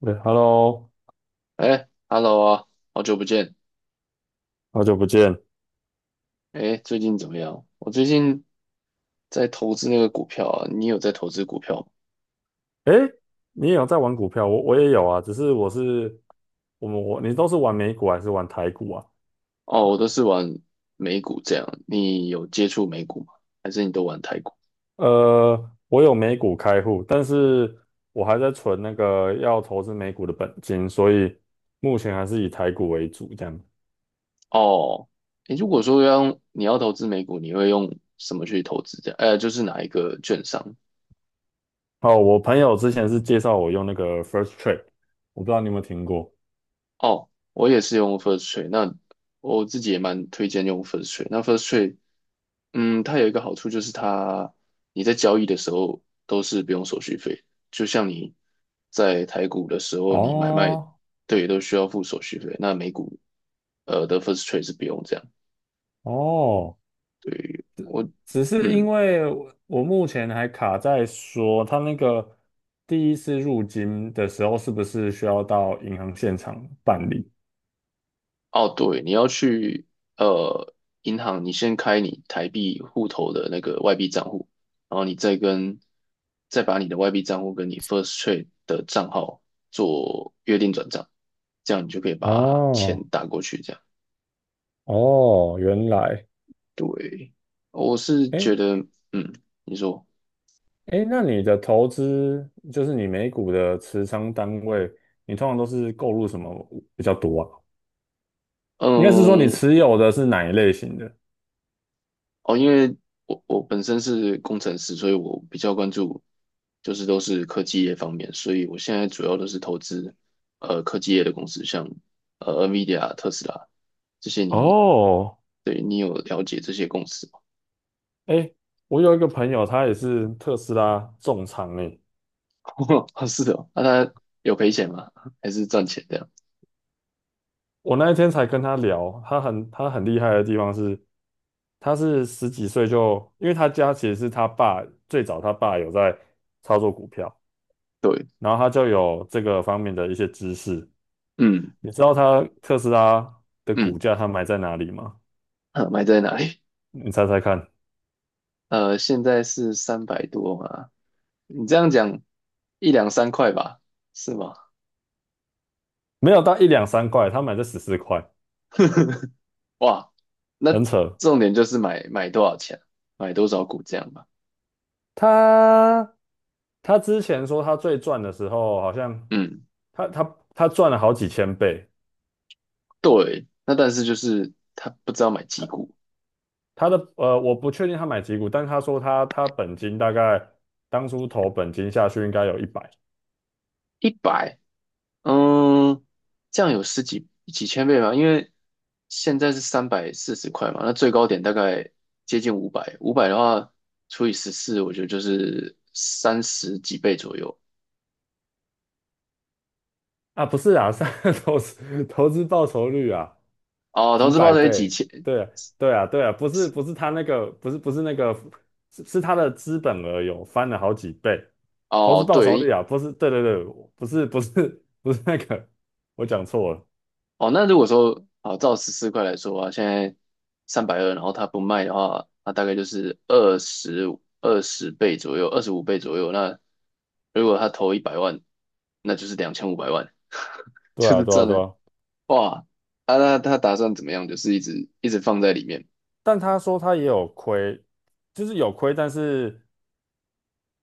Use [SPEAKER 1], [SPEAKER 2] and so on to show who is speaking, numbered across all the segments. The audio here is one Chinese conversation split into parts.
[SPEAKER 1] 对，Hello，
[SPEAKER 2] 哎，Hello 啊，好久不见。
[SPEAKER 1] 好久不见。
[SPEAKER 2] 哎，最近怎么样？我最近在投资那个股票啊，你有在投资股票吗？
[SPEAKER 1] 哎，你也有在玩股票？我也有啊，只是我是我们我你都是玩美股还是玩台股啊？
[SPEAKER 2] 哦，我都是玩美股这样。你有接触美股吗？还是你都玩台股？
[SPEAKER 1] 我有美股开户，但是我还在存那个要投资美股的本金，所以目前还是以台股为主这样。
[SPEAKER 2] 哦，哎，如果说你要投资美股，你会用什么去投资这样？就是哪一个券商？
[SPEAKER 1] 哦，我朋友之前是介绍我用那个 First Trade，我不知道你有没有听过。
[SPEAKER 2] 哦，我也是用 First Trade，那我自己也蛮推荐用 First Trade。那 First Trade， 它有一个好处就是它，你在交易的时候都是不用手续费，就像你在台股的时候，你买卖，
[SPEAKER 1] 哦
[SPEAKER 2] 对，都需要付手续费，那美股的 first trade 是不用这样。
[SPEAKER 1] 哦，
[SPEAKER 2] 对，
[SPEAKER 1] 只是
[SPEAKER 2] 嗯，
[SPEAKER 1] 因为我目前还卡在说，他那个第一次入金的时候，是不是需要到银行现场办理？
[SPEAKER 2] 哦对，你要去呃银行，你先开你台币户头的那个外币账户，然后你再把你的外币账户跟你 first trade 的账号做约定转账，这样你就可以把钱
[SPEAKER 1] 哦
[SPEAKER 2] 打过去，这样。
[SPEAKER 1] 哦，原来，
[SPEAKER 2] 对，我是觉
[SPEAKER 1] 哎
[SPEAKER 2] 得，嗯，你说。
[SPEAKER 1] 哎，那你的投资就是你美股的持仓单位，你通常都是购入什么比较多啊？应该是说你
[SPEAKER 2] 嗯，
[SPEAKER 1] 持有的是哪一类型的？
[SPEAKER 2] 哦，因为我本身是工程师，所以我比较关注，就是都是科技业方面，所以我现在主要都是投资，科技业的公司，像NVIDIA 啊、特斯拉这些
[SPEAKER 1] 哦，
[SPEAKER 2] 对，你有了解这些公司吗？
[SPEAKER 1] 哎，我有一个朋友，他也是特斯拉重仓诶，
[SPEAKER 2] 啊，是的哦。啊它有赔钱吗？还是赚钱的样？
[SPEAKER 1] 我那一天才跟他聊，他很厉害的地方是，他是十几岁就，因为他家其实是他爸最早有在操作股票，
[SPEAKER 2] 对，
[SPEAKER 1] 然后他就有这个方面的一些知识。
[SPEAKER 2] 嗯
[SPEAKER 1] 你知道他特斯拉的股
[SPEAKER 2] 嗯。
[SPEAKER 1] 价他买在哪里吗？
[SPEAKER 2] 啊，买在哪里？
[SPEAKER 1] 你猜猜看，
[SPEAKER 2] 现在是三百多嘛？你这样讲，一两三块吧，是吗？
[SPEAKER 1] 没有到一两三块，他买在十四块，
[SPEAKER 2] 哇。
[SPEAKER 1] 很
[SPEAKER 2] 那
[SPEAKER 1] 扯。
[SPEAKER 2] 重点就是买多少钱，买多少股这样吧。
[SPEAKER 1] 他他之前说他最赚的时候，好像
[SPEAKER 2] 嗯，
[SPEAKER 1] 他赚了好几千倍，
[SPEAKER 2] 对。那但是就是他不知道买几股，
[SPEAKER 1] 我不确定他买几股，但他说他本金大概当初投本金下去应该有一百
[SPEAKER 2] 一百，嗯，这样有几千倍吗？因为现在是340块嘛，那最高点大概接近五百，五百的话除以十四，我觉得就是三十几倍左右。
[SPEAKER 1] 啊，不是啊，是 投资报酬率啊，
[SPEAKER 2] 哦，投
[SPEAKER 1] 几
[SPEAKER 2] 资报
[SPEAKER 1] 百
[SPEAKER 2] 酬率几
[SPEAKER 1] 倍，
[SPEAKER 2] 千？
[SPEAKER 1] 对啊对啊对啊，不是不是他那个不是不是那个是他的资本额有翻了好几倍，投资
[SPEAKER 2] 哦，
[SPEAKER 1] 报酬
[SPEAKER 2] 对。
[SPEAKER 1] 率啊，不是对对对，不是不是不是那个，我讲错了，
[SPEAKER 2] 哦，那如果说，好，照十四块来说啊，现在320，然后他不卖的话，那大概就是二十倍左右，25倍左右。那如果他投一百万，那就是2,500万，
[SPEAKER 1] 对
[SPEAKER 2] 就
[SPEAKER 1] 啊
[SPEAKER 2] 是
[SPEAKER 1] 对啊
[SPEAKER 2] 赚
[SPEAKER 1] 对
[SPEAKER 2] 了。
[SPEAKER 1] 啊，
[SPEAKER 2] 哇！啊，那他打算怎么样？就是一直一直放在里面。
[SPEAKER 1] 但他说他也有亏，就是有亏，但是。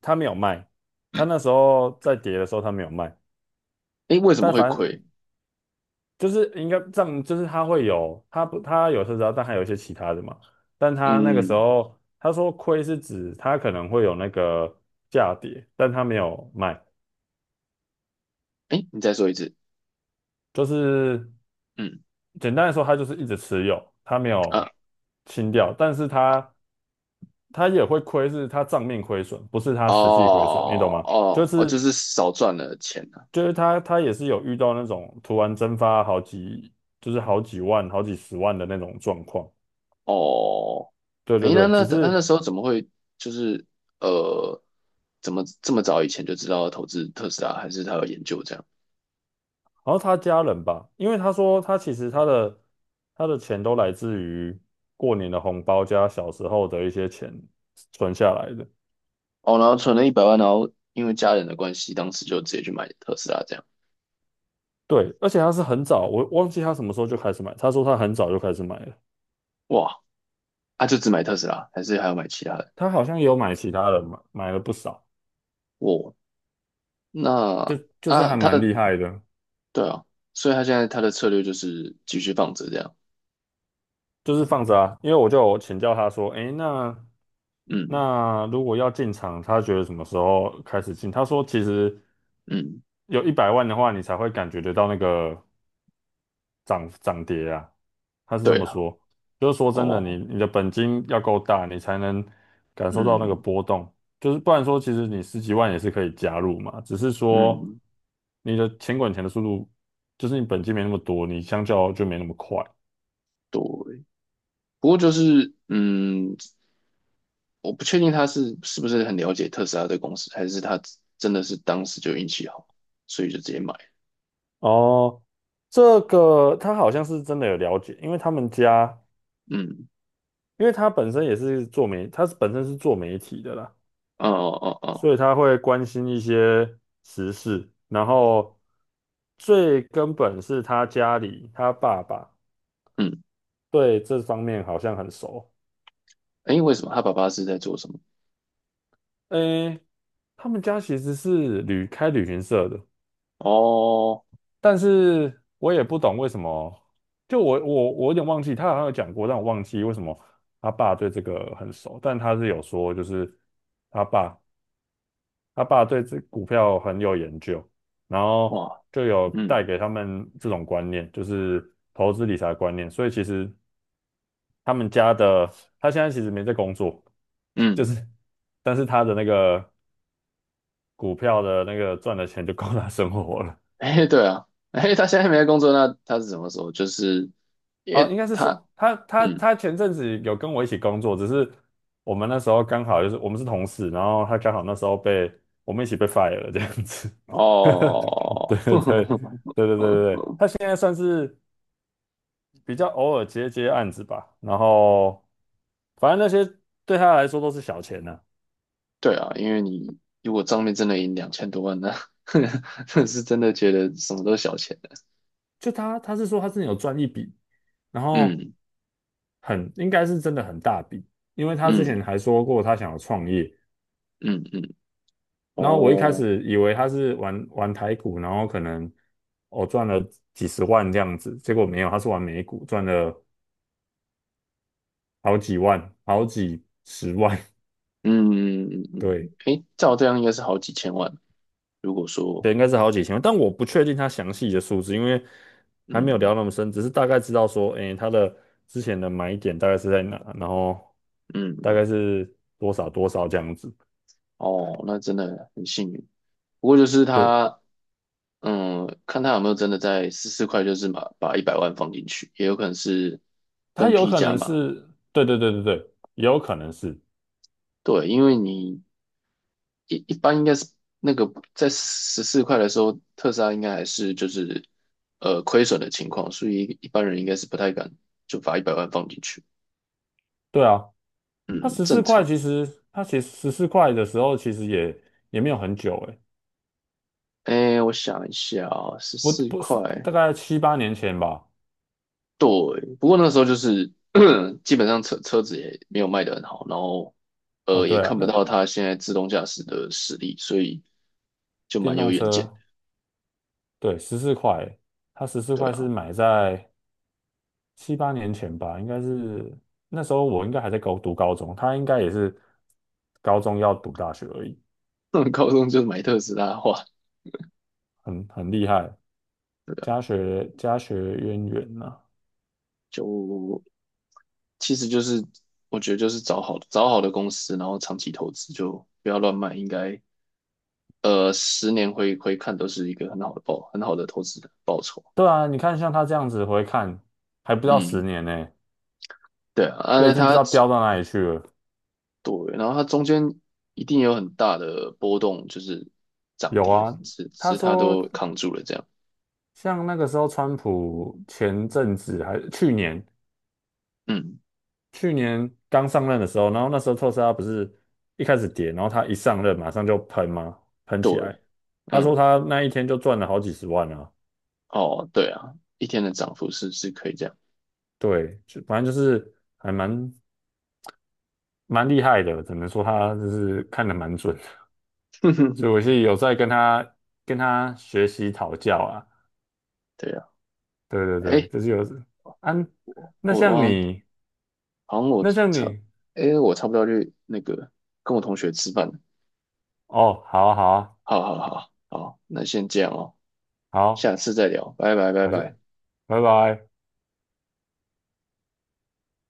[SPEAKER 1] 他没有卖，他那时候在跌的时候他没有卖，
[SPEAKER 2] 诶，为什么
[SPEAKER 1] 但
[SPEAKER 2] 会
[SPEAKER 1] 反
[SPEAKER 2] 亏？
[SPEAKER 1] 正就是应该这样，就是他会有，他不他有特斯拉，但还有一些其他的嘛，但他那个时
[SPEAKER 2] 嗯。
[SPEAKER 1] 候他说亏是指他可能会有那个价跌，但他没有卖，
[SPEAKER 2] 诶，你再说一次。
[SPEAKER 1] 就是
[SPEAKER 2] 嗯
[SPEAKER 1] 简单来说，他就是一直持有，他没有
[SPEAKER 2] 啊。
[SPEAKER 1] 清掉，但是他也会亏，是他账面亏损，不是他实际亏
[SPEAKER 2] 哦
[SPEAKER 1] 损，你懂吗？就
[SPEAKER 2] 哦哦，就
[SPEAKER 1] 是
[SPEAKER 2] 是少赚了钱啊。
[SPEAKER 1] 就是他也是有遇到那种突然蒸发好几，就是好几万、好几十万的那种状况。
[SPEAKER 2] 哦。
[SPEAKER 1] 对对
[SPEAKER 2] 哎，那
[SPEAKER 1] 对，
[SPEAKER 2] 那
[SPEAKER 1] 只
[SPEAKER 2] 那那
[SPEAKER 1] 是
[SPEAKER 2] 时候怎么会就是呃，怎么这么早以前就知道要投资特斯拉，还是他有研究这样？
[SPEAKER 1] 好像他家人吧，因为他说他其实他的钱都来自于过年的红包加小时候的一些钱存下来的。
[SPEAKER 2] 哦，然后存了一百万，然后因为家人的关系，当时就直接去买特斯拉这样。
[SPEAKER 1] 对，而且他是很早，我忘记他什么时候就开始买。他说他很早就开始买了，
[SPEAKER 2] 哇。啊，就只买特斯拉，还是还要买其他的？
[SPEAKER 1] 他好像也有买其他的，买了不少，
[SPEAKER 2] 哇。那
[SPEAKER 1] 就是
[SPEAKER 2] 啊，
[SPEAKER 1] 还蛮厉害的。
[SPEAKER 2] 对啊，所以他现在他的策略就是继续放着这样。
[SPEAKER 1] 就是放着啊，因为我就有请教他说，诶，那
[SPEAKER 2] 嗯
[SPEAKER 1] 那如果要进场，他觉得什么时候开始进？他说其实
[SPEAKER 2] 嗯。
[SPEAKER 1] 有100万的话，你才会感觉得到那个涨跌啊。他是这
[SPEAKER 2] 对
[SPEAKER 1] 么
[SPEAKER 2] 啊。
[SPEAKER 1] 说，就是说真的，你
[SPEAKER 2] 哦。
[SPEAKER 1] 你的本金要够大，你才能感受到那个
[SPEAKER 2] 嗯
[SPEAKER 1] 波动。就是不然说，其实你十几万也是可以加入嘛，只是说
[SPEAKER 2] 嗯。
[SPEAKER 1] 你的钱滚钱的速度，就是你本金没那么多，你相较就没那么快。
[SPEAKER 2] 对。不过就是，我不确定他是不是很了解特斯拉的公司，还是他真的是当时就运气好，所以就直接买。
[SPEAKER 1] 哦，这个他好像是真的有了解，因为他们家，
[SPEAKER 2] 嗯。
[SPEAKER 1] 因为他本身也是本身是做媒体的啦，
[SPEAKER 2] 哦哦哦哦。
[SPEAKER 1] 所以他会关心一些时事，然后最根本是他家里，他爸爸
[SPEAKER 2] 嗯。
[SPEAKER 1] 对这方面好像很熟。
[SPEAKER 2] 诶，为什么他爸爸是在做什么？
[SPEAKER 1] 诶，他们家其实是开旅行社的，
[SPEAKER 2] 哦。
[SPEAKER 1] 但是我也不懂为什么，就我有点忘记，他好像有讲过，但我忘记为什么他爸对这个很熟，但他是有说，就是他爸他爸对这股票很有研究，然后
[SPEAKER 2] 哇。
[SPEAKER 1] 就有带
[SPEAKER 2] 嗯
[SPEAKER 1] 给他们这种观念，就是投资理财的观念，所以其实他们家的他现在其实没在工作，就
[SPEAKER 2] 嗯。
[SPEAKER 1] 是但是他的那个股票的那个赚的钱就够他生活了。
[SPEAKER 2] 诶，对啊。诶，他现在没在工作，那他是什么时候？就是因
[SPEAKER 1] 哦，
[SPEAKER 2] 为
[SPEAKER 1] 应该是
[SPEAKER 2] 他，
[SPEAKER 1] 说他他
[SPEAKER 2] 嗯，
[SPEAKER 1] 他前阵子有跟我一起工作，只是我们那时候刚好就是我们是同事，然后他刚好那时候被我们一起被 fire 了这样子。
[SPEAKER 2] 哦。
[SPEAKER 1] 对对 对对对对对，他现在算是比较偶尔接接案子吧，然后反正那些对他来说都是小钱呢、
[SPEAKER 2] 对啊，因为你如果账面真的赢两千多万，那 那是真的觉得什么都是小钱的。
[SPEAKER 1] 就他是说他之前有赚一笔，然后
[SPEAKER 2] 嗯
[SPEAKER 1] 很应该是真的很大笔，因为他之
[SPEAKER 2] 嗯
[SPEAKER 1] 前还说过他想要创业，
[SPEAKER 2] 嗯嗯。
[SPEAKER 1] 然后我一开
[SPEAKER 2] 哦。
[SPEAKER 1] 始以为他是玩玩台股，然后可能赚了几十万这样子，结果没有，他是玩美股，赚了好几万，好几十万，
[SPEAKER 2] 嗯嗯 嗯嗯。
[SPEAKER 1] 对，
[SPEAKER 2] 诶，照这样应该是好几千万。如果说，
[SPEAKER 1] 对，应该是好几千万，但我不确定他详细的数字，因为还没有
[SPEAKER 2] 嗯
[SPEAKER 1] 聊那么深，只是大概知道说，诶，他的之前的买点大概是在哪，然后大
[SPEAKER 2] 嗯。
[SPEAKER 1] 概是多少多少这样子，
[SPEAKER 2] 哦，那真的很幸运。不过就是
[SPEAKER 1] 对，
[SPEAKER 2] 他，看他有没有真的在四块，就是把一百万放进去，也有可能是
[SPEAKER 1] 他
[SPEAKER 2] 分
[SPEAKER 1] 有
[SPEAKER 2] 批
[SPEAKER 1] 可
[SPEAKER 2] 加
[SPEAKER 1] 能
[SPEAKER 2] 码。
[SPEAKER 1] 是，对对对对对，也有可能是。
[SPEAKER 2] 对，因为你一般应该是那个在十四块的时候，特斯拉应该还是就是亏损的情况，所以一般人应该是不太敢就把一百万放进去。
[SPEAKER 1] 对啊，
[SPEAKER 2] 嗯，正常。
[SPEAKER 1] 他其实十四块的时候其实也没有很久诶，
[SPEAKER 2] 哎，我想一下啊，十
[SPEAKER 1] 不
[SPEAKER 2] 四
[SPEAKER 1] 不是
[SPEAKER 2] 块。
[SPEAKER 1] 大概七八年前吧。
[SPEAKER 2] 对。不过那时候就是 基本上车子也没有卖得很好，然后
[SPEAKER 1] 哦，
[SPEAKER 2] 也
[SPEAKER 1] 对啊，
[SPEAKER 2] 看不
[SPEAKER 1] 那
[SPEAKER 2] 到它现在自动驾驶的实力，所以就
[SPEAKER 1] 电
[SPEAKER 2] 蛮有
[SPEAKER 1] 动
[SPEAKER 2] 远见
[SPEAKER 1] 车对十四块欸它十四
[SPEAKER 2] 的。对
[SPEAKER 1] 块是
[SPEAKER 2] 啊。
[SPEAKER 1] 买在七八年前吧，应该是那时候我应该还在读高中，他应该也是高中要读大学而已，
[SPEAKER 2] 高中就是买特斯拉的话，
[SPEAKER 1] 很厉害，
[SPEAKER 2] 对啊，
[SPEAKER 1] 家学渊源呐、
[SPEAKER 2] 就其实就是我觉得就是找好的公司，然后长期投资，就不要乱卖，应该10年回看都是一个很好的投资的报酬。
[SPEAKER 1] 对啊，你看像他这样子回看，还不到十
[SPEAKER 2] 嗯。
[SPEAKER 1] 年呢、
[SPEAKER 2] 对啊。
[SPEAKER 1] 这
[SPEAKER 2] 啊，
[SPEAKER 1] 个已经不知道飙到哪里去了。
[SPEAKER 2] 对。然后它中间一定有很大的波动，就是涨
[SPEAKER 1] 有
[SPEAKER 2] 跌，
[SPEAKER 1] 啊，
[SPEAKER 2] 只只
[SPEAKER 1] 他
[SPEAKER 2] 是它
[SPEAKER 1] 说
[SPEAKER 2] 都扛住了这样。
[SPEAKER 1] 像那个时候，川普前阵子还去年
[SPEAKER 2] 嗯。
[SPEAKER 1] 去年刚上任的时候，然后那时候特斯拉不是一开始跌，然后他一上任马上就喷吗？喷
[SPEAKER 2] 对。
[SPEAKER 1] 起来。他说
[SPEAKER 2] 嗯。
[SPEAKER 1] 他那一天就赚了好几十万啊，
[SPEAKER 2] 哦，对啊，一天的涨幅是可以这样。
[SPEAKER 1] 对，就反正就是还蛮厉害的，只能说他就是看得蛮准的，所以 我是有在跟他学习讨教啊，
[SPEAKER 2] 对啊。
[SPEAKER 1] 对对对，
[SPEAKER 2] 哎，
[SPEAKER 1] 就是有啊，
[SPEAKER 2] 我
[SPEAKER 1] 那
[SPEAKER 2] 我我
[SPEAKER 1] 像
[SPEAKER 2] 好像
[SPEAKER 1] 你，
[SPEAKER 2] 好像我
[SPEAKER 1] 那像
[SPEAKER 2] 差，
[SPEAKER 1] 你。
[SPEAKER 2] 哎，我差不多要去那个跟我同学吃饭了。
[SPEAKER 1] 哦，好啊，好啊，
[SPEAKER 2] 好好好好，那先这样哦，
[SPEAKER 1] 好，
[SPEAKER 2] 下次再聊，拜拜拜
[SPEAKER 1] 好，谢，
[SPEAKER 2] 拜。
[SPEAKER 1] 拜拜。